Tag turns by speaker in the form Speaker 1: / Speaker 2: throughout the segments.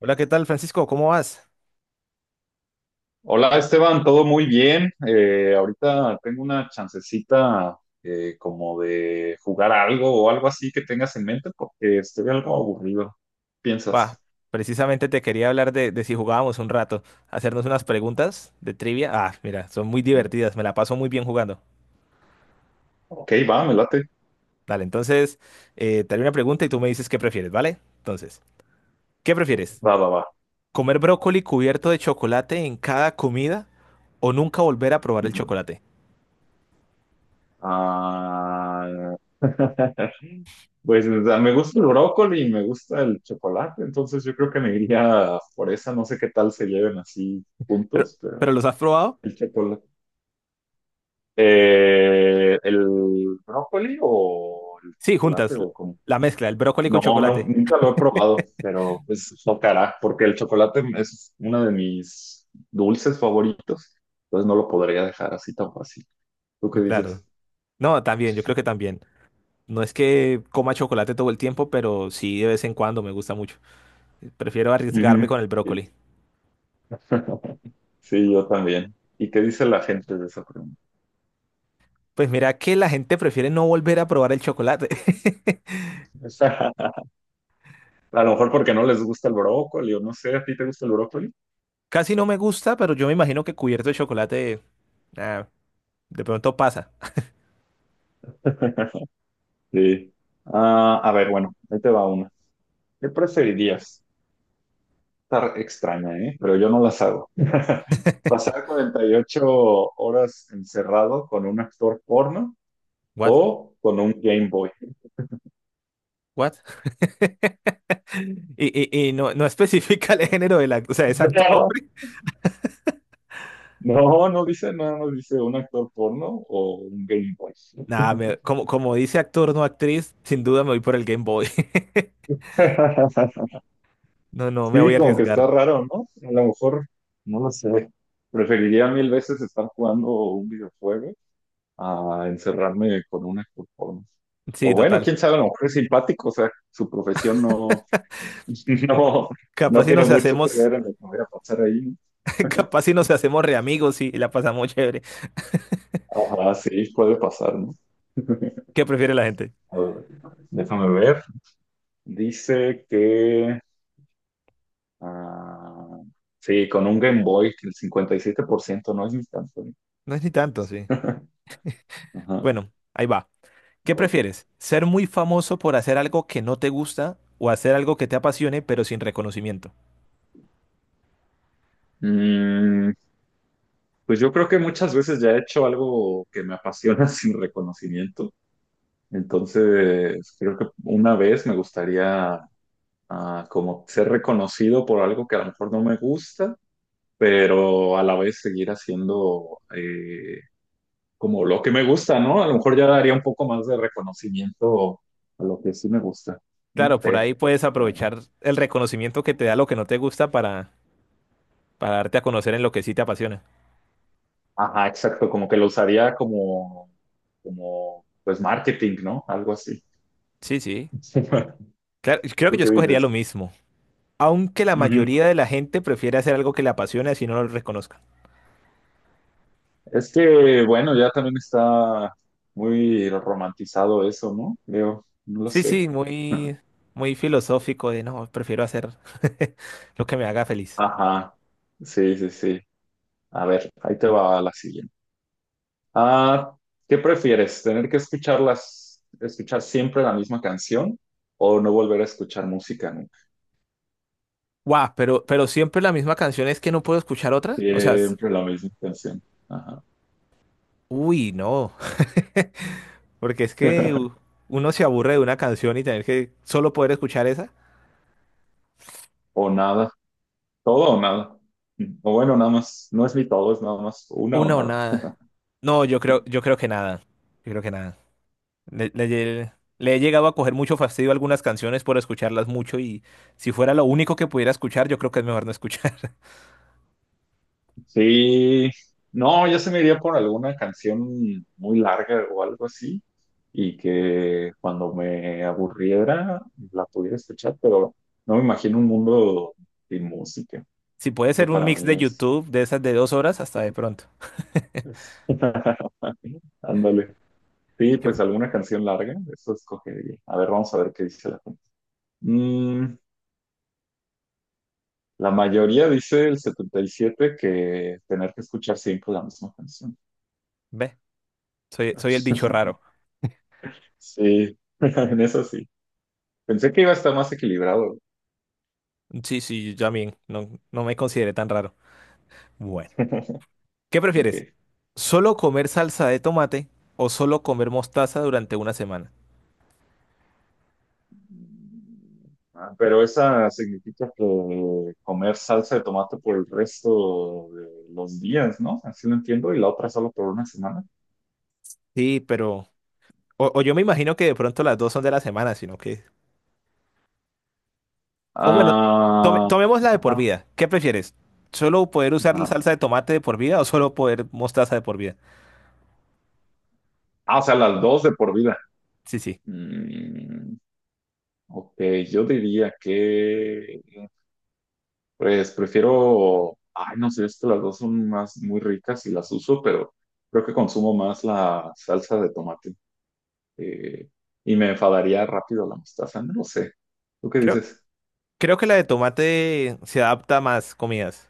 Speaker 1: Hola, ¿qué tal, Francisco? ¿Cómo vas?
Speaker 2: Hola, Esteban, todo muy bien. Ahorita tengo una chancecita como de jugar algo o algo así que tengas en mente porque estoy algo aburrido. ¿Piensas?
Speaker 1: Bah, precisamente te quería hablar de si jugábamos un rato, hacernos unas preguntas de trivia. Ah, mira, son muy
Speaker 2: Ujú.
Speaker 1: divertidas, me la paso muy bien jugando.
Speaker 2: Ok, va, me late.
Speaker 1: Dale, entonces, te haré una pregunta y tú me dices qué prefieres, ¿vale? Entonces, ¿qué prefieres?
Speaker 2: Va, va, va.
Speaker 1: ¿Comer brócoli cubierto de chocolate en cada comida o nunca volver a probar el chocolate?
Speaker 2: Ah, pues, o sea, me gusta el brócoli y me gusta el chocolate, entonces yo creo que me iría por esa. No sé qué tal se lleven así
Speaker 1: ¿Pero,
Speaker 2: juntos, pero
Speaker 1: pero los has probado?
Speaker 2: el chocolate. ¿El brócoli o el
Speaker 1: Sí, juntas,
Speaker 2: chocolate o cómo?
Speaker 1: la mezcla, el brócoli con
Speaker 2: No, no,
Speaker 1: chocolate.
Speaker 2: nunca lo he probado, pero pues tocará, porque el chocolate es uno de mis dulces favoritos, entonces no lo podría dejar así tan fácil. ¿Tú qué dices?
Speaker 1: Claro. No, también, yo creo que también. No es que coma chocolate todo el tiempo, pero sí de vez en cuando me gusta mucho. Prefiero arriesgarme
Speaker 2: Ujú,
Speaker 1: con el
Speaker 2: sí.
Speaker 1: brócoli.
Speaker 2: Sí, yo también. ¿Y qué dice la gente de esa pregunta?
Speaker 1: Pues mira que la gente prefiere no volver a probar el chocolate.
Speaker 2: A lo mejor porque no les gusta el brócoli o no sé, ¿a ti te gusta el brócoli?
Speaker 1: Casi no me gusta, pero yo me imagino que cubierto de chocolate, ah, de pronto pasa.
Speaker 2: Sí. Ah, a ver, bueno, ahí te va una. ¿Qué preferirías? Estar extraña, ¿eh? Pero yo no las hago. Pasar 48 horas encerrado con un actor porno
Speaker 1: What?
Speaker 2: o con un Game Boy.
Speaker 1: What? Y, y no, no especifica el género del actor, o sea, es actor
Speaker 2: No,
Speaker 1: hombre.
Speaker 2: no, no dice nada, no dice un actor porno o un Game Boy.
Speaker 1: Nada, como, como dice actor, no actriz, sin duda me voy por el Game Boy. No, no, me voy
Speaker 2: Sí,
Speaker 1: a
Speaker 2: como que está
Speaker 1: arriesgar.
Speaker 2: raro, ¿no? A lo mejor, no lo sé. Preferiría mil veces estar jugando un videojuego a encerrarme con un actor porno. O
Speaker 1: Sí,
Speaker 2: bueno,
Speaker 1: total.
Speaker 2: quién sabe, a lo mejor es simpático, o sea, su profesión no. No,
Speaker 1: Capaz
Speaker 2: no
Speaker 1: si
Speaker 2: tiene
Speaker 1: nos
Speaker 2: mucho que
Speaker 1: hacemos
Speaker 2: ver en lo que voy a pasar ahí.
Speaker 1: Capaz si nos hacemos re amigos y la pasamos chévere.
Speaker 2: Ah, sí, puede pasar, ¿no?
Speaker 1: ¿Qué prefiere la gente?
Speaker 2: A ver, déjame ver. Dice que, ah, sí, con un Game Boy, que el 57% no es instantáneo.
Speaker 1: No es ni tanto, sí.
Speaker 2: Ajá.
Speaker 1: Bueno, ahí va. ¿Qué
Speaker 2: A ver.
Speaker 1: prefieres? ¿Ser muy famoso por hacer algo que no te gusta o hacer algo que te apasione pero sin reconocimiento?
Speaker 2: Mm, pues yo creo que muchas veces ya he hecho algo que me apasiona sin reconocimiento. Entonces, creo que una vez me gustaría como ser reconocido por algo que a lo mejor no me gusta, pero a la vez seguir haciendo como lo que me gusta, ¿no? A lo mejor ya daría un poco más de reconocimiento a lo que sí me gusta. Sí.
Speaker 1: Claro, por ahí puedes aprovechar el reconocimiento que te da lo que no te gusta para darte a conocer en lo que sí te apasiona.
Speaker 2: Ajá, exacto, como que lo usaría como, pues, marketing, ¿no? Algo así.
Speaker 1: Sí, sí. Claro, creo que
Speaker 2: ¿Tú
Speaker 1: yo
Speaker 2: qué
Speaker 1: escogería lo
Speaker 2: dices?
Speaker 1: mismo. Aunque la
Speaker 2: Ujú.
Speaker 1: mayoría de la gente prefiere hacer algo que le apasione así no lo reconozca.
Speaker 2: Es que, bueno, ya también está muy romantizado eso, ¿no? Creo, no lo
Speaker 1: Sí,
Speaker 2: sé.
Speaker 1: sí, muy, muy filosófico de no, prefiero hacer lo que me haga feliz.
Speaker 2: Ajá, sí, sí, sí. A ver, ahí te va la siguiente. Ah, ¿qué prefieres? ¿Tener que escuchar siempre la misma canción o no volver a escuchar música nunca?
Speaker 1: Guau, pero siempre la misma canción es que no puedo escuchar otra. O sea,
Speaker 2: Siempre la misma canción. Ajá.
Speaker 1: uy, no. Porque es que uno se aburre de una canción y tener que solo poder escuchar esa.
Speaker 2: O nada. Todo o nada. O bueno, nada más. No es ni todo, es nada más una o
Speaker 1: Una o
Speaker 2: nada.
Speaker 1: nada. No, yo creo que nada. Yo creo que nada. Le, le lle- le he llegado a coger mucho fastidio a algunas canciones por escucharlas mucho y si fuera lo único que pudiera escuchar, yo creo que es mejor no escuchar.
Speaker 2: Sí. No, yo se me iría por alguna canción muy larga o algo así. Y que cuando me aburriera la pudiera escuchar, pero no me imagino un mundo sin música.
Speaker 1: Si puede ser
Speaker 2: Eso
Speaker 1: un
Speaker 2: para
Speaker 1: mix
Speaker 2: mí
Speaker 1: de YouTube de esas de 2 horas, hasta de pronto.
Speaker 2: es- ándale.
Speaker 1: Y
Speaker 2: Sí,
Speaker 1: que-
Speaker 2: pues alguna canción larga, eso escogería. A ver, vamos a ver qué dice la gente. Mm, la mayoría dice el 77, que tener que escuchar siempre la misma canción.
Speaker 1: ve, soy el bicho raro.
Speaker 2: Sí, en eso sí. Pensé que iba a estar más equilibrado.
Speaker 1: Sí, sí, yo también. No, no me consideré tan raro. Bueno, ¿qué
Speaker 2: Ok.
Speaker 1: prefieres? ¿Solo comer salsa de tomate o solo comer mostaza durante una semana?
Speaker 2: Ah, pero esa significa que comer salsa de tomate por el resto de los días, ¿no? Así lo entiendo. Y la otra solo por una semana.
Speaker 1: Sí, pero... O yo me imagino que de pronto las dos son de la semana, sino que... O bueno, tome,
Speaker 2: Ah,
Speaker 1: tomémosla de por
Speaker 2: ajá,
Speaker 1: vida. ¿Qué prefieres? ¿Solo poder usar la
Speaker 2: ajá.
Speaker 1: salsa de tomate de por vida o solo poder mostaza de por vida?
Speaker 2: Ah, o sea, las dos de por vida.
Speaker 1: Sí, sí.
Speaker 2: Mm, ok, yo diría que, pues, prefiero, ay, no sé, es que las dos son más muy ricas y las uso, pero creo que consumo más la salsa de tomate, eh, y me enfadaría rápido la mostaza, no lo sé. ¿Tú qué
Speaker 1: Creo,
Speaker 2: dices?
Speaker 1: creo que la de tomate se adapta a más comidas.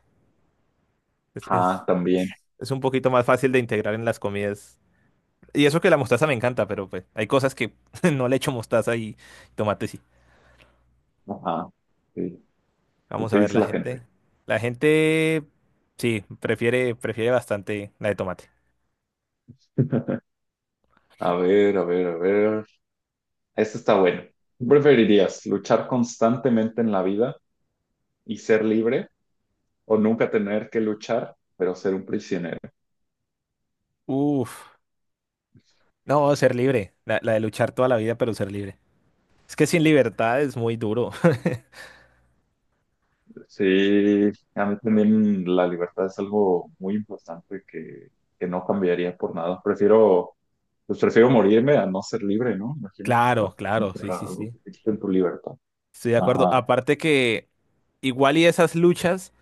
Speaker 1: Es, es,
Speaker 2: Ah, también.
Speaker 1: es un poquito más fácil de integrar en las comidas. Y eso que la mostaza me encanta, pero pues hay cosas que no le echo mostaza y tomate sí.
Speaker 2: Ajá. Sí. ¿Y
Speaker 1: Vamos a
Speaker 2: qué
Speaker 1: ver,
Speaker 2: dice
Speaker 1: la
Speaker 2: la
Speaker 1: gente.
Speaker 2: gente?
Speaker 1: La gente sí, prefiere bastante la de tomate.
Speaker 2: A ver, a ver, a ver. Esto está bueno. ¿Qué ¿Preferirías luchar constantemente en la vida y ser libre, o nunca tener que luchar, pero ser un prisionero?
Speaker 1: Uf, no, ser libre. La de luchar toda la vida, pero ser libre. Es que sin libertad es muy duro.
Speaker 2: Sí, a mí también la libertad es algo muy importante que no cambiaría por nada. Prefiero, pues prefiero morirme a no ser libre, ¿no? Imagínate estar
Speaker 1: Claro, claro, sí, sí,
Speaker 2: encerrado,
Speaker 1: sí.
Speaker 2: que te quiten tu libertad.
Speaker 1: Estoy de acuerdo.
Speaker 2: Ajá.
Speaker 1: Aparte que igual y esas luchas.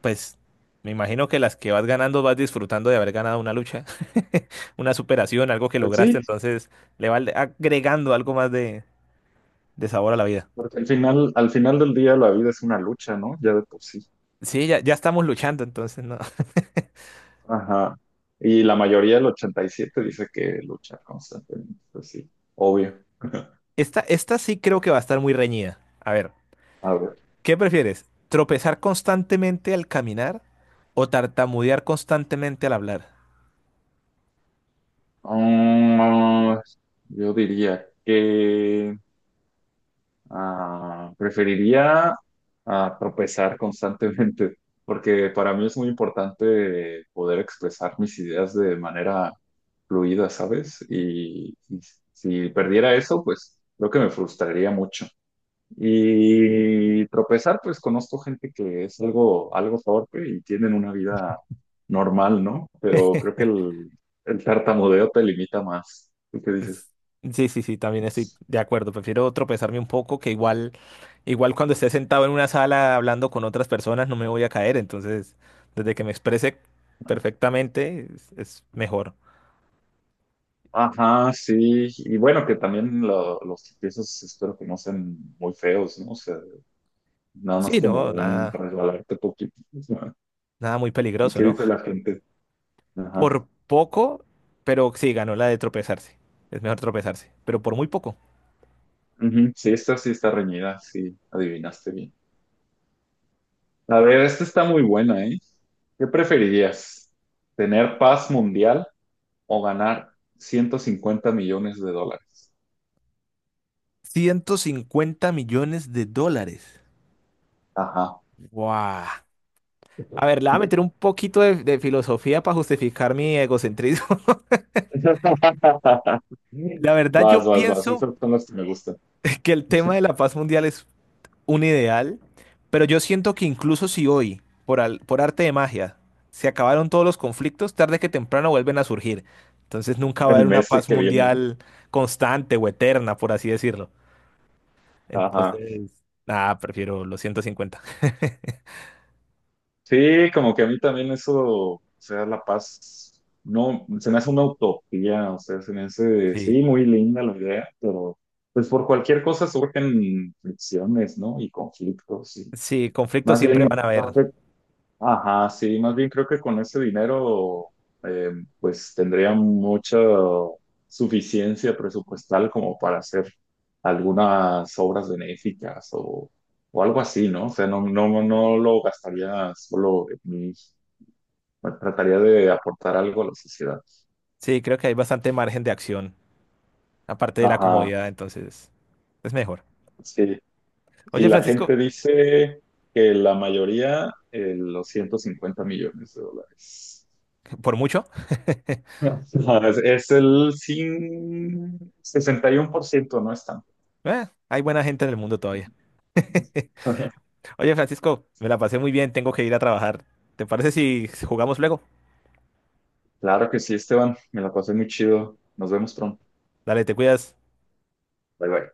Speaker 1: Pues me imagino que las que vas ganando vas disfrutando de haber ganado una lucha, una superación, algo que
Speaker 2: Pues sí,
Speaker 1: lograste, entonces le va agregando algo más de sabor a la vida.
Speaker 2: porque al final del día la vida es una lucha, ¿no? Ya de por sí.
Speaker 1: Sí, ya estamos luchando, entonces no.
Speaker 2: Ajá. Y la mayoría, del 87, dice que lucha constantemente, pues sí, obvio.
Speaker 1: Esta sí creo que va a estar muy reñida. A ver,
Speaker 2: A ver.
Speaker 1: ¿qué prefieres? ¿Tropezar constantemente al caminar o tartamudear constantemente al hablar?
Speaker 2: Mm, yo diría que preferiría tropezar constantemente, porque para mí es muy importante poder expresar mis ideas de manera fluida, ¿sabes? Y si perdiera eso, pues creo que me frustraría mucho. Y tropezar, pues conozco gente que es algo, algo torpe y tienen una vida normal, ¿no? Pero creo que el tartamudeo te limita más. ¿Tú qué dices?
Speaker 1: Es- Sí, sí, sí, también estoy de acuerdo. Prefiero tropezarme un poco, que igual, igual cuando esté sentado en una sala hablando con otras personas no me voy a caer. Entonces, desde que me exprese perfectamente es mejor.
Speaker 2: Ajá, sí. Y bueno, que también los tropiezos espero que no sean muy feos, ¿no? O sea, nada más
Speaker 1: Sí,
Speaker 2: como
Speaker 1: no,
Speaker 2: un
Speaker 1: nada,
Speaker 2: resbalarte poquito, ¿no?
Speaker 1: nada muy
Speaker 2: ¿Y
Speaker 1: peligroso,
Speaker 2: qué
Speaker 1: ¿no?
Speaker 2: dice la gente? Ajá.
Speaker 1: Por poco, pero sí, ganó la de tropezarse. Es mejor tropezarse, pero por muy poco.
Speaker 2: Ujú. Sí, esta sí está reñida, sí, adivinaste bien. A ver, esta está muy buena, ¿eh? ¿Qué preferirías? ¿Tener paz mundial o ganar $150 millones?
Speaker 1: $150 millones.
Speaker 2: Ajá.
Speaker 1: ¡Guau! A ver, le voy a meter un poquito de filosofía para justificar mi egocentrismo. La verdad,
Speaker 2: Vas,
Speaker 1: yo
Speaker 2: vas, vas.
Speaker 1: pienso
Speaker 2: Esas son las que me gustan.
Speaker 1: que el tema de la paz mundial es un ideal, pero yo siento que incluso si hoy, por, por arte de magia, se acabaron todos los conflictos, tarde que temprano vuelven a surgir. Entonces nunca va a haber
Speaker 2: El
Speaker 1: una
Speaker 2: mes
Speaker 1: paz
Speaker 2: que viene, ¿no?
Speaker 1: mundial constante o eterna, por así decirlo.
Speaker 2: Ajá.
Speaker 1: Entonces, nada, prefiero los 150.
Speaker 2: Sí, como que a mí también eso, o sea, la paz, no, se me hace una utopía, o sea, se me hace,
Speaker 1: Sí.
Speaker 2: sí, muy linda la idea, pero pues por cualquier cosa surgen fricciones, ¿no? Y conflictos.
Speaker 1: Sí, conflictos
Speaker 2: Más
Speaker 1: siempre van a
Speaker 2: bien, no
Speaker 1: haber.
Speaker 2: sé, ajá, sí, más bien creo que con ese dinero, eh, pues tendría mucha suficiencia presupuestal como para hacer algunas obras benéficas o, algo así, ¿no? O sea, no, no, no lo gastaría solo en mí, bueno, trataría de aportar algo a la sociedad.
Speaker 1: Sí, creo que hay bastante margen de acción, aparte de la
Speaker 2: Ajá,
Speaker 1: comodidad, entonces es mejor.
Speaker 2: sí. Y
Speaker 1: Oye,
Speaker 2: la
Speaker 1: Francisco,
Speaker 2: gente dice que la mayoría, los $150 millones.
Speaker 1: ¿por mucho?
Speaker 2: No, es el 61%, no es tanto.
Speaker 1: Hay buena gente en el mundo todavía. Oye, Francisco, me la pasé muy bien, tengo que ir a trabajar. ¿Te parece si jugamos luego?
Speaker 2: Claro que sí, Esteban. Me la pasé muy chido. Nos vemos pronto.
Speaker 1: Dale, te cuidas.
Speaker 2: Bye bye.